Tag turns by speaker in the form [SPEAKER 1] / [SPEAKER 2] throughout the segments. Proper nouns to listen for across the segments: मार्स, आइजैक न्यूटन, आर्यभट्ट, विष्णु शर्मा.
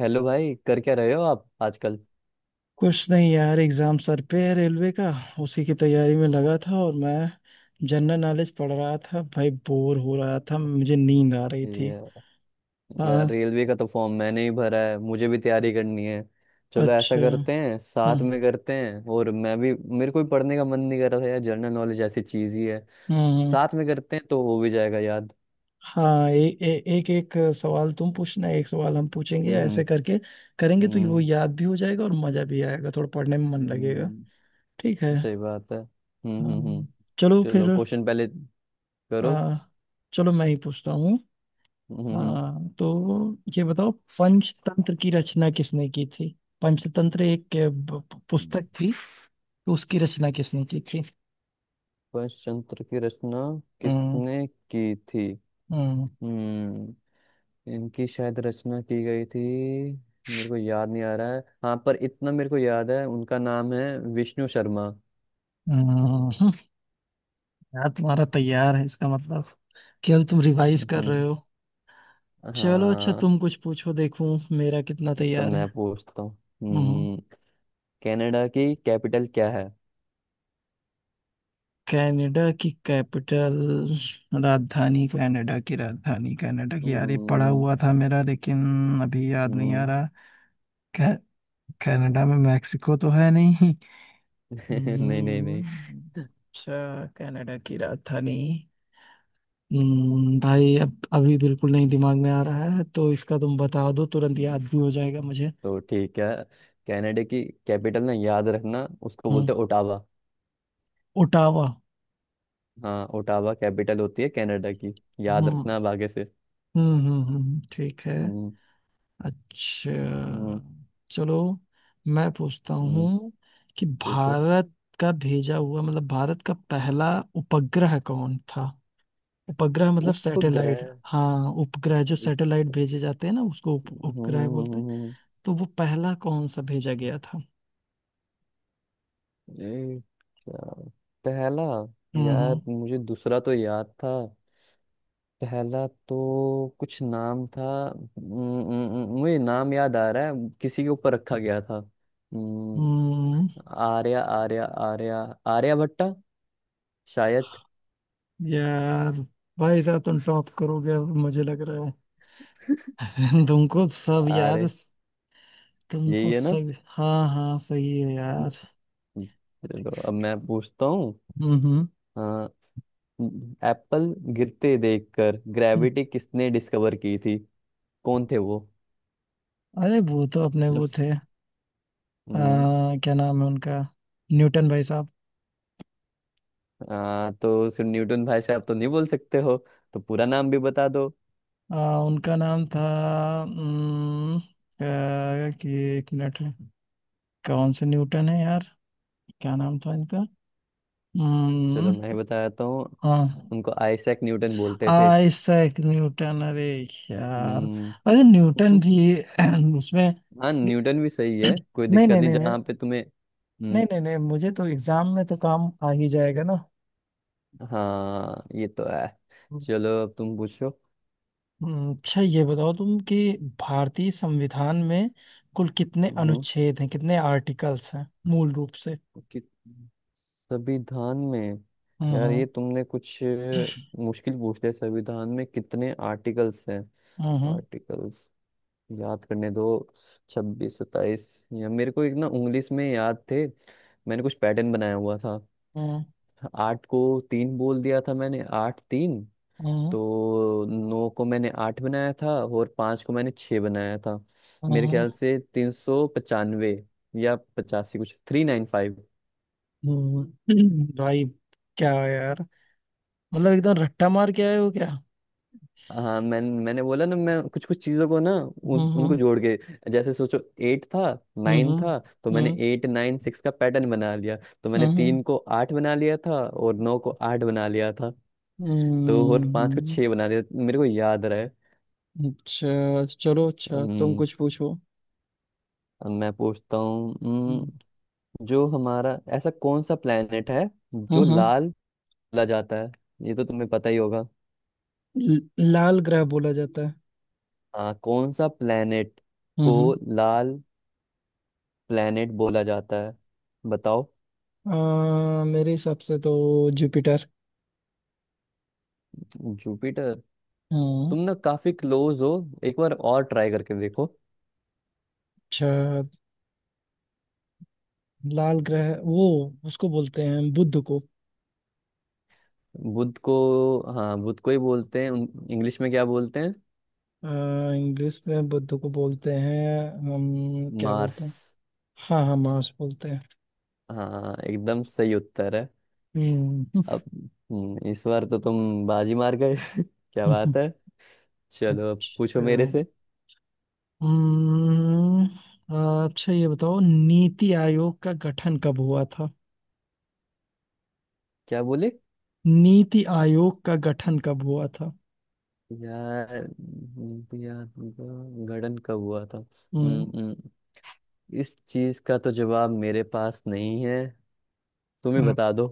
[SPEAKER 1] Hello भाई। कर क्या रहे हो आप आजकल?
[SPEAKER 2] कुछ नहीं यार, एग्जाम सर पे है रेलवे का। उसी की तैयारी में लगा था, और मैं जनरल नॉलेज पढ़ रहा था भाई, बोर हो रहा था, मुझे नींद आ रही थी।
[SPEAKER 1] ये। यार,
[SPEAKER 2] हाँ।
[SPEAKER 1] रेलवे का तो फॉर्म मैंने ही भरा है। मुझे भी तैयारी करनी है। चलो, ऐसा
[SPEAKER 2] अच्छा।
[SPEAKER 1] करते हैं,
[SPEAKER 2] हाँ।
[SPEAKER 1] साथ में करते हैं। और मैं भी, मेरे को भी पढ़ने का मन नहीं कर रहा था यार, जनरल नॉलेज ऐसी चीज ही है।
[SPEAKER 2] हम्म।
[SPEAKER 1] साथ में करते हैं तो हो भी जाएगा याद।
[SPEAKER 2] हाँ, ए, ए, एक एक सवाल तुम पूछना, एक सवाल हम पूछेंगे,
[SPEAKER 1] हम्म।
[SPEAKER 2] ऐसे
[SPEAKER 1] हम्म।
[SPEAKER 2] करके करेंगे तो वो
[SPEAKER 1] हम्म।
[SPEAKER 2] याद भी हो जाएगा और मजा भी आएगा, थोड़ा पढ़ने में मन लगेगा।
[SPEAKER 1] हम्म।
[SPEAKER 2] ठीक है।
[SPEAKER 1] सही बात है। हम्म। हम्म। हम्म।
[SPEAKER 2] हाँ चलो फिर।
[SPEAKER 1] चलो, क्वेश्चन पहले करो।
[SPEAKER 2] आ, चलो मैं ही पूछता हूँ।
[SPEAKER 1] हम्म। हम्म।
[SPEAKER 2] हाँ तो ये बताओ, पंचतंत्र की रचना किसने की थी? पंचतंत्र एक पुस्तक थी, तो उसकी रचना किसने की थी?
[SPEAKER 1] पंचतंत्र की रचना
[SPEAKER 2] हम्म।
[SPEAKER 1] किसने की थी?
[SPEAKER 2] हम्म।
[SPEAKER 1] हम्म। इनकी शायद रचना की गई थी। मेरे को याद नहीं आ रहा है। हाँ, पर इतना मेरे को याद है, उनका नाम है विष्णु शर्मा।
[SPEAKER 2] हम्म, यार तुम्हारा तैयार है इसका मतलब, केवल तुम रिवाइज कर रहे
[SPEAKER 1] हम्म।
[SPEAKER 2] हो। चलो अच्छा,
[SPEAKER 1] हाँ।
[SPEAKER 2] तुम कुछ पूछो, देखूं मेरा कितना
[SPEAKER 1] तो
[SPEAKER 2] तैयार है।
[SPEAKER 1] मैं पूछता हूँ।
[SPEAKER 2] हम्म।
[SPEAKER 1] हम्म। कनाडा की कैपिटल क्या है?
[SPEAKER 2] कनाडा की कैपिटल? राजधानी कनाडा की, राजधानी कनाडा की, यार ये पढ़ा
[SPEAKER 1] हम्म।
[SPEAKER 2] हुआ था मेरा, लेकिन अभी याद नहीं आ
[SPEAKER 1] हम्म।
[SPEAKER 2] रहा। कनाडा में मैक्सिको तो है नहीं।
[SPEAKER 1] नहीं, नहीं,
[SPEAKER 2] हम्म,
[SPEAKER 1] नहीं।
[SPEAKER 2] अच्छा, कनाडा की राजधानी। भाई अब अभी बिल्कुल नहीं दिमाग में आ रहा है, तो इसका तुम बता दो, तुरंत याद
[SPEAKER 1] हम्म।
[SPEAKER 2] भी हो जाएगा मुझे।
[SPEAKER 1] तो ठीक है। कनाडा की कैपिटल, ना, याद रखना, उसको
[SPEAKER 2] हम्म।
[SPEAKER 1] बोलते हैं ओटावा।
[SPEAKER 2] ओटावा।
[SPEAKER 1] हाँ, ओटावा कैपिटल होती है कनाडा की।
[SPEAKER 2] हम्म
[SPEAKER 1] याद
[SPEAKER 2] हम्म
[SPEAKER 1] रखना अब आगे से।
[SPEAKER 2] हम्म। ठीक है।
[SPEAKER 1] हम्म।
[SPEAKER 2] अच्छा।
[SPEAKER 1] हम्म।
[SPEAKER 2] चलो मैं पूछता
[SPEAKER 1] हम्म।
[SPEAKER 2] हूँ कि
[SPEAKER 1] पूछो।
[SPEAKER 2] भारत का भेजा हुआ, मतलब भारत का पहला उपग्रह कौन था? उपग्रह मतलब
[SPEAKER 1] उपग्रह।
[SPEAKER 2] सैटेलाइट। हाँ उपग्रह, जो सैटेलाइट भेजे जाते हैं ना, उसको उपग्रह बोलते हैं।
[SPEAKER 1] हम्म।
[SPEAKER 2] तो वो पहला कौन सा भेजा गया था?
[SPEAKER 1] ये क्या? पहला?
[SPEAKER 2] हम्म। हम्म।
[SPEAKER 1] यार, मुझे दूसरा तो याद था, पहला तो कुछ नाम था। हम्म। हम्म। मुझे नाम याद आ रहा है। किसी के ऊपर रखा गया था। हम्म।
[SPEAKER 2] हम्म,
[SPEAKER 1] आर्या आर्या आर्या आर्यभट्टा शायद।
[SPEAKER 2] यार भाई साहब, तुम टॉप करोगे अब मुझे लग रहा है। तुमको सब याद,
[SPEAKER 1] आर्य, यही
[SPEAKER 2] तुमको
[SPEAKER 1] है ना?
[SPEAKER 2] सब, हाँ हाँ सही है
[SPEAKER 1] हम्म।
[SPEAKER 2] यार।
[SPEAKER 1] चलो, अब मैं पूछता हूँ।
[SPEAKER 2] हम्म। हम्म।
[SPEAKER 1] हाँ। एप्पल गिरते देखकर
[SPEAKER 2] हम्म।
[SPEAKER 1] ग्रेविटी किसने डिस्कवर की थी? कौन थे वो?
[SPEAKER 2] अरे वो तो अपने
[SPEAKER 1] जब।
[SPEAKER 2] वो थे,
[SPEAKER 1] हम्म।
[SPEAKER 2] क्या नाम है उनका, न्यूटन भाई साहब।
[SPEAKER 1] तो सिर्फ न्यूटन भाई साहब तो नहीं बोल सकते हो। तो पूरा नाम भी बता दो।
[SPEAKER 2] उनका नाम था, कि, एक मिनट, कौन से न्यूटन है यार? क्या नाम था इनका?
[SPEAKER 1] चलो, मैं
[SPEAKER 2] हम्म।
[SPEAKER 1] बताता हूँ।
[SPEAKER 2] हाँ।
[SPEAKER 1] उनको आइजैक न्यूटन बोलते थे।
[SPEAKER 2] आइजैक न्यूटन? अरे यार,
[SPEAKER 1] हम्म।
[SPEAKER 2] अरे न्यूटन भी उसमें,
[SPEAKER 1] हाँ, न्यूटन भी सही है, कोई
[SPEAKER 2] नहीं
[SPEAKER 1] दिक्कत
[SPEAKER 2] नहीं
[SPEAKER 1] नहीं
[SPEAKER 2] नहीं नहीं,
[SPEAKER 1] जहाँ पे तुम्हें। हम्म।
[SPEAKER 2] नहीं नहीं नहीं, मुझे तो एग्जाम में तो काम आ ही जाएगा ना।
[SPEAKER 1] हाँ, ये तो है। चलो, अब तुम पूछो।
[SPEAKER 2] अच्छा ये बताओ तुम कि भारतीय संविधान में कुल कितने
[SPEAKER 1] हम्म।
[SPEAKER 2] अनुच्छेद हैं, कितने आर्टिकल्स हैं मूल रूप से?
[SPEAKER 1] कि संविधान में। यार,
[SPEAKER 2] हम्म।
[SPEAKER 1] ये तुमने कुछ मुश्किल पूछ लिया। संविधान में कितने आर्टिकल्स हैं?
[SPEAKER 2] हम्म। हम्म।
[SPEAKER 1] आर्टिकल्स। याद करने दो। 26, 27। या मेरे को, एक ना, इंग्लिश में याद थे। मैंने कुछ पैटर्न बनाया हुआ था।
[SPEAKER 2] हम्म।
[SPEAKER 1] आठ को तीन बोल दिया था मैंने, आठ तीन।
[SPEAKER 2] हम्म,
[SPEAKER 1] तो नौ को मैंने आठ बनाया था, और पाँच को मैंने छः बनाया था। मेरे
[SPEAKER 2] हम्म,
[SPEAKER 1] ख्याल से 395 या 85 कुछ, 395।
[SPEAKER 2] हम्म, भाई क्या यार, मतलब एकदम रट्टा मार के आए हो क्या?
[SPEAKER 1] हाँ, मैंने बोला ना, मैं कुछ कुछ चीजों को ना, उन,
[SPEAKER 2] हम्म।
[SPEAKER 1] उनको जोड़ के, जैसे सोचो। एट था, नाइन
[SPEAKER 2] हम्म।
[SPEAKER 1] था। तो मैंने
[SPEAKER 2] हम्म।
[SPEAKER 1] एट नाइन सिक्स का पैटर्न बना लिया। तो मैंने
[SPEAKER 2] हम्म।
[SPEAKER 1] तीन को आठ बना लिया था और नौ को आठ बना लिया था। तो और
[SPEAKER 2] हम्म।
[SPEAKER 1] पांच को छह बना लिया, मेरे को याद रहा है।
[SPEAKER 2] अच्छा चलो, अच्छा तुम
[SPEAKER 1] हम्म।
[SPEAKER 2] कुछ पूछो।
[SPEAKER 1] अब मैं पूछता हूँ।
[SPEAKER 2] हम्म।
[SPEAKER 1] हम्म। जो हमारा, ऐसा कौन सा प्लेनेट है जो
[SPEAKER 2] हाँ।
[SPEAKER 1] लाल बोला जाता है? ये तो तुम्हें पता ही होगा।
[SPEAKER 2] लाल ग्रह बोला जाता है।
[SPEAKER 1] हाँ, कौन सा प्लेनेट को
[SPEAKER 2] हम्म।
[SPEAKER 1] लाल प्लेनेट बोला जाता है? बताओ।
[SPEAKER 2] मेरे हिसाब से तो जुपिटर।
[SPEAKER 1] जुपिटर?
[SPEAKER 2] हम्म।
[SPEAKER 1] तुम ना काफी क्लोज हो। एक बार और ट्राई करके देखो।
[SPEAKER 2] अच्छा, लाल ग्रह वो, उसको बोलते हैं बुध को।
[SPEAKER 1] बुध को? हाँ, बुध को ही बोलते हैं। इंग्लिश में क्या बोलते हैं?
[SPEAKER 2] आ, इंग्लिश में बुध को बोलते हैं, हम क्या
[SPEAKER 1] मार्स।
[SPEAKER 2] बोलते हैं? हाँ हाँ मार्स बोलते हैं।
[SPEAKER 1] हाँ, एकदम सही उत्तर है।
[SPEAKER 2] हम्म।
[SPEAKER 1] अब। हम्म। इस बार तो तुम बाजी मार गए। क्या बात है। चलो, अब पूछो
[SPEAKER 2] अच्छा।
[SPEAKER 1] मेरे से।
[SPEAKER 2] हम्म, अच्छा ये बताओ, नीति आयोग का गठन कब हुआ था?
[SPEAKER 1] क्या बोले?
[SPEAKER 2] नीति आयोग का गठन कब हुआ था?
[SPEAKER 1] यार। हम्म। यार, उनका गठन कब हुआ था।
[SPEAKER 2] हम्म।
[SPEAKER 1] हम्म। हम्म। इस चीज का तो जवाब मेरे पास नहीं है। तुम ही
[SPEAKER 2] हम्म,
[SPEAKER 1] बता दो।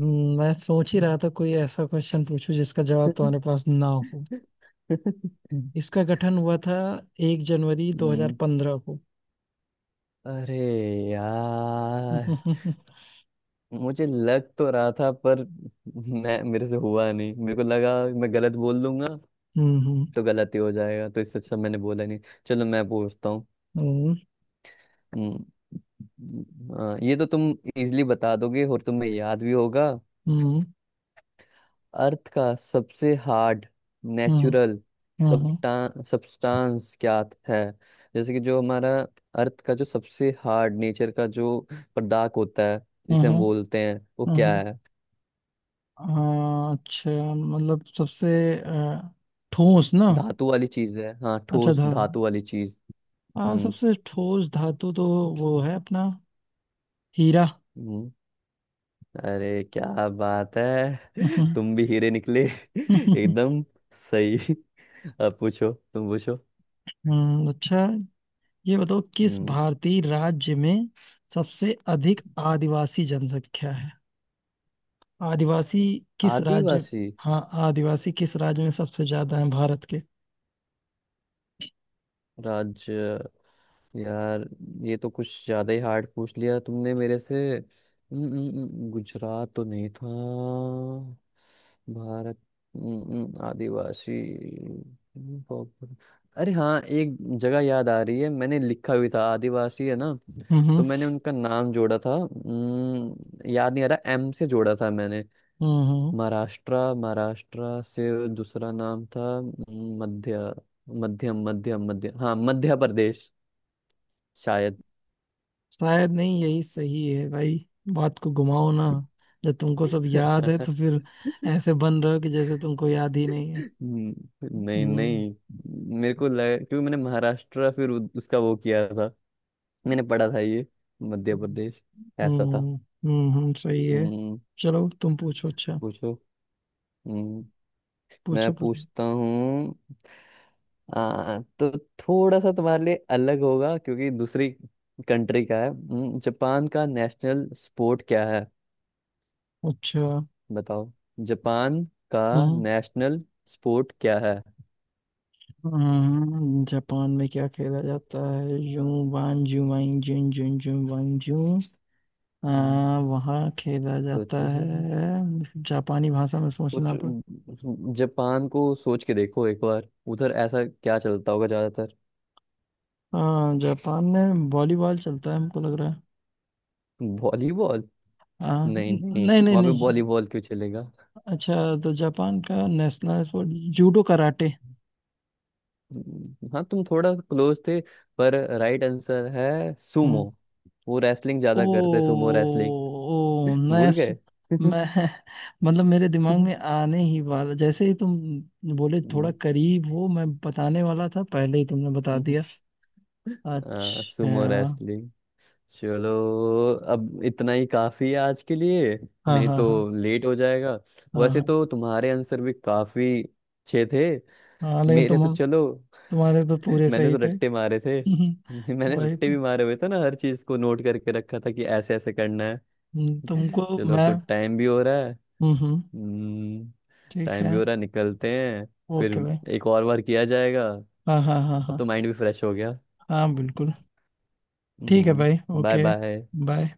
[SPEAKER 2] मैं सोच ही रहा था, कोई ऐसा क्वेश्चन पूछूं जिसका जवाब तुम्हारे पास ना हो।
[SPEAKER 1] हम्म।
[SPEAKER 2] हम्म। इसका गठन हुआ था एक जनवरी 2015 को।
[SPEAKER 1] अरे यार,
[SPEAKER 2] हम्म।
[SPEAKER 1] मुझे लग तो रहा था, पर मैं, मेरे से हुआ नहीं, मेरे को लगा मैं गलत बोल दूंगा।
[SPEAKER 2] हम्म।
[SPEAKER 1] तो गलत ही हो जाएगा, तो इससे अच्छा मैंने बोला नहीं। चलो, मैं पूछता हूँ।
[SPEAKER 2] हम्म।
[SPEAKER 1] हम्म। हाँ, ये तो तुम इजीली बता दोगे, और तुम्हें याद भी होगा।
[SPEAKER 2] हम्म।
[SPEAKER 1] अर्थ का सबसे hard
[SPEAKER 2] hmm.
[SPEAKER 1] Natural
[SPEAKER 2] hmm.
[SPEAKER 1] Substance क्या है? जैसे कि जो हमारा अर्थ का जो सबसे हार्ड नेचर का जो पदार्थ होता है, जिसे
[SPEAKER 2] हम्म,
[SPEAKER 1] हम बोलते हैं, वो क्या
[SPEAKER 2] हम्म,
[SPEAKER 1] है?
[SPEAKER 2] हाँ, अच्छा, मतलब सबसे अ, ठोस ना?
[SPEAKER 1] धातु वाली चीज है। हाँ,
[SPEAKER 2] अच्छा
[SPEAKER 1] ठोस
[SPEAKER 2] था।
[SPEAKER 1] धातु वाली चीज।
[SPEAKER 2] हाँ,
[SPEAKER 1] हम्म।
[SPEAKER 2] सबसे ठोस धातु तो वो है अपना हीरा।
[SPEAKER 1] हम्म। अरे क्या बात है! तुम भी हीरे निकले।
[SPEAKER 2] हम्म।
[SPEAKER 1] एकदम सही। अब पूछो, तुम पूछो।
[SPEAKER 2] अच्छा ये बताओ, किस
[SPEAKER 1] हम्म।
[SPEAKER 2] भारतीय राज्य में सबसे अधिक आदिवासी जनसंख्या है? आदिवासी, किस राज्य?
[SPEAKER 1] आदिवासी,
[SPEAKER 2] हाँ, आदिवासी किस राज्य में सबसे ज्यादा है भारत के?
[SPEAKER 1] राज्य। यार, ये तो कुछ ज्यादा ही हार्ड पूछ लिया तुमने मेरे से। हम्म। हम्म। हम्म। गुजरात तो नहीं था। भारत। हम्म। हम्म। आदिवासी। हम्म। अरे हाँ, एक जगह याद आ रही है, मैंने लिखा भी था, आदिवासी है ना।
[SPEAKER 2] हम्म।
[SPEAKER 1] तो मैंने उनका नाम जोड़ा था। हम्म। याद नहीं आ रहा, एम से जोड़ा था मैंने।
[SPEAKER 2] हम्म।
[SPEAKER 1] महाराष्ट्र महाराष्ट्र से। दूसरा नाम था। मध्य, मध्यम, मध्यम, मध्य। हाँ, मध्य प्रदेश शायद।
[SPEAKER 2] शायद नहीं, यही सही है भाई। बात को घुमाओ ना, जब तुमको सब याद है
[SPEAKER 1] हम्म।
[SPEAKER 2] तो फिर ऐसे बन रहे हो कि जैसे तुमको याद ही नहीं है।
[SPEAKER 1] नहीं, नहीं, मेरे को लगा क्योंकि मैंने महाराष्ट्र, फिर उसका वो किया था। मैंने पढ़ा था ये। मध्य
[SPEAKER 2] हम्म।
[SPEAKER 1] प्रदेश, ऐसा था।
[SPEAKER 2] हम्म। हम्म, सही है।
[SPEAKER 1] हम्म।
[SPEAKER 2] चलो तुम पूछो, अच्छा।
[SPEAKER 1] पूछो। हम्म। मैं
[SPEAKER 2] पूछो पूछो,
[SPEAKER 1] पूछता हूँ। हाँ तो थोड़ा सा तुम्हारे लिए अलग होगा क्योंकि दूसरी कंट्री का है। हम्म। जापान का नेशनल स्पोर्ट क्या है?
[SPEAKER 2] अच्छा।
[SPEAKER 1] बताओ। जापान का
[SPEAKER 2] हम्म
[SPEAKER 1] नेशनल स्पोर्ट क्या है?
[SPEAKER 2] जापान में क्या खेला जाता है? जू वान जू वाइन जून जून जू वाइन जू, आ,
[SPEAKER 1] हम्म।
[SPEAKER 2] वहाँ खेला जाता
[SPEAKER 1] सोचो,
[SPEAKER 2] है? जापानी भाषा में सोचना
[SPEAKER 1] सोचो।
[SPEAKER 2] पड़।
[SPEAKER 1] जापान को सोच के देखो एक बार। उधर ऐसा क्या चलता होगा ज्यादातर?
[SPEAKER 2] हाँ, जापान में वॉलीबॉल चलता है हमको लग रहा है।
[SPEAKER 1] वॉलीबॉल?
[SPEAKER 2] हाँ,
[SPEAKER 1] नहीं, नहीं,
[SPEAKER 2] नहीं नहीं
[SPEAKER 1] वहां पे
[SPEAKER 2] नहीं।
[SPEAKER 1] वॉलीबॉल क्यों चलेगा?
[SPEAKER 2] अच्छा, तो जापान का नेशनल स्पोर्ट जूडो, कराटे?
[SPEAKER 1] हम्म। हाँ, तुम थोड़ा क्लोज थे। पर राइट आंसर है, सुमो।
[SPEAKER 2] हम्म।
[SPEAKER 1] वो रेसलिंग
[SPEAKER 2] ओ।
[SPEAKER 1] ज्यादा करते, सुमो रेसलिंग।
[SPEAKER 2] ओ मैं
[SPEAKER 1] भूल गए।
[SPEAKER 2] मैं मतलब मेरे दिमाग में आने ही वाला, जैसे ही तुम बोले थोड़ा करीब हो, मैं बताने वाला था, पहले ही तुमने बता दिया।
[SPEAKER 1] सुमो
[SPEAKER 2] अच्छा।
[SPEAKER 1] रेसलिंग। चलो, अब इतना ही काफी है आज के लिए।
[SPEAKER 2] हाँ
[SPEAKER 1] नहीं
[SPEAKER 2] हाँ
[SPEAKER 1] तो
[SPEAKER 2] हाँ।
[SPEAKER 1] लेट हो जाएगा। वैसे
[SPEAKER 2] हाँ
[SPEAKER 1] तो तुम्हारे आंसर भी काफी अच्छे थे।
[SPEAKER 2] हाँ हाँ लेकिन
[SPEAKER 1] मेरे तो,
[SPEAKER 2] तुम,
[SPEAKER 1] चलो।
[SPEAKER 2] तुम्हारे तो पूरे
[SPEAKER 1] मैंने
[SPEAKER 2] सही
[SPEAKER 1] तो
[SPEAKER 2] थे।
[SPEAKER 1] रट्टे मारे थे।
[SPEAKER 2] हम्म,
[SPEAKER 1] मैंने
[SPEAKER 2] वही
[SPEAKER 1] रट्टे
[SPEAKER 2] तो।
[SPEAKER 1] भी मारे हुए थे ना, हर चीज को नोट करके रखा था कि ऐसे ऐसे करना है।
[SPEAKER 2] तुमको
[SPEAKER 1] चलो, अब
[SPEAKER 2] मैं।
[SPEAKER 1] तो टाइम भी हो रहा है।
[SPEAKER 2] हम्म।
[SPEAKER 1] हम्म।
[SPEAKER 2] ठीक
[SPEAKER 1] टाइम
[SPEAKER 2] है।
[SPEAKER 1] भी हो रहा है, निकलते हैं फिर।
[SPEAKER 2] ओके भाई।
[SPEAKER 1] एक और बार किया जाएगा।
[SPEAKER 2] हाँ हाँ हाँ
[SPEAKER 1] अब तो
[SPEAKER 2] हाँ।
[SPEAKER 1] माइंड भी फ्रेश हो गया।
[SPEAKER 2] हाँ बिल्कुल। ठीक है
[SPEAKER 1] हम्म।
[SPEAKER 2] भाई,
[SPEAKER 1] बाय,
[SPEAKER 2] ओके।
[SPEAKER 1] बाय।
[SPEAKER 2] बाय।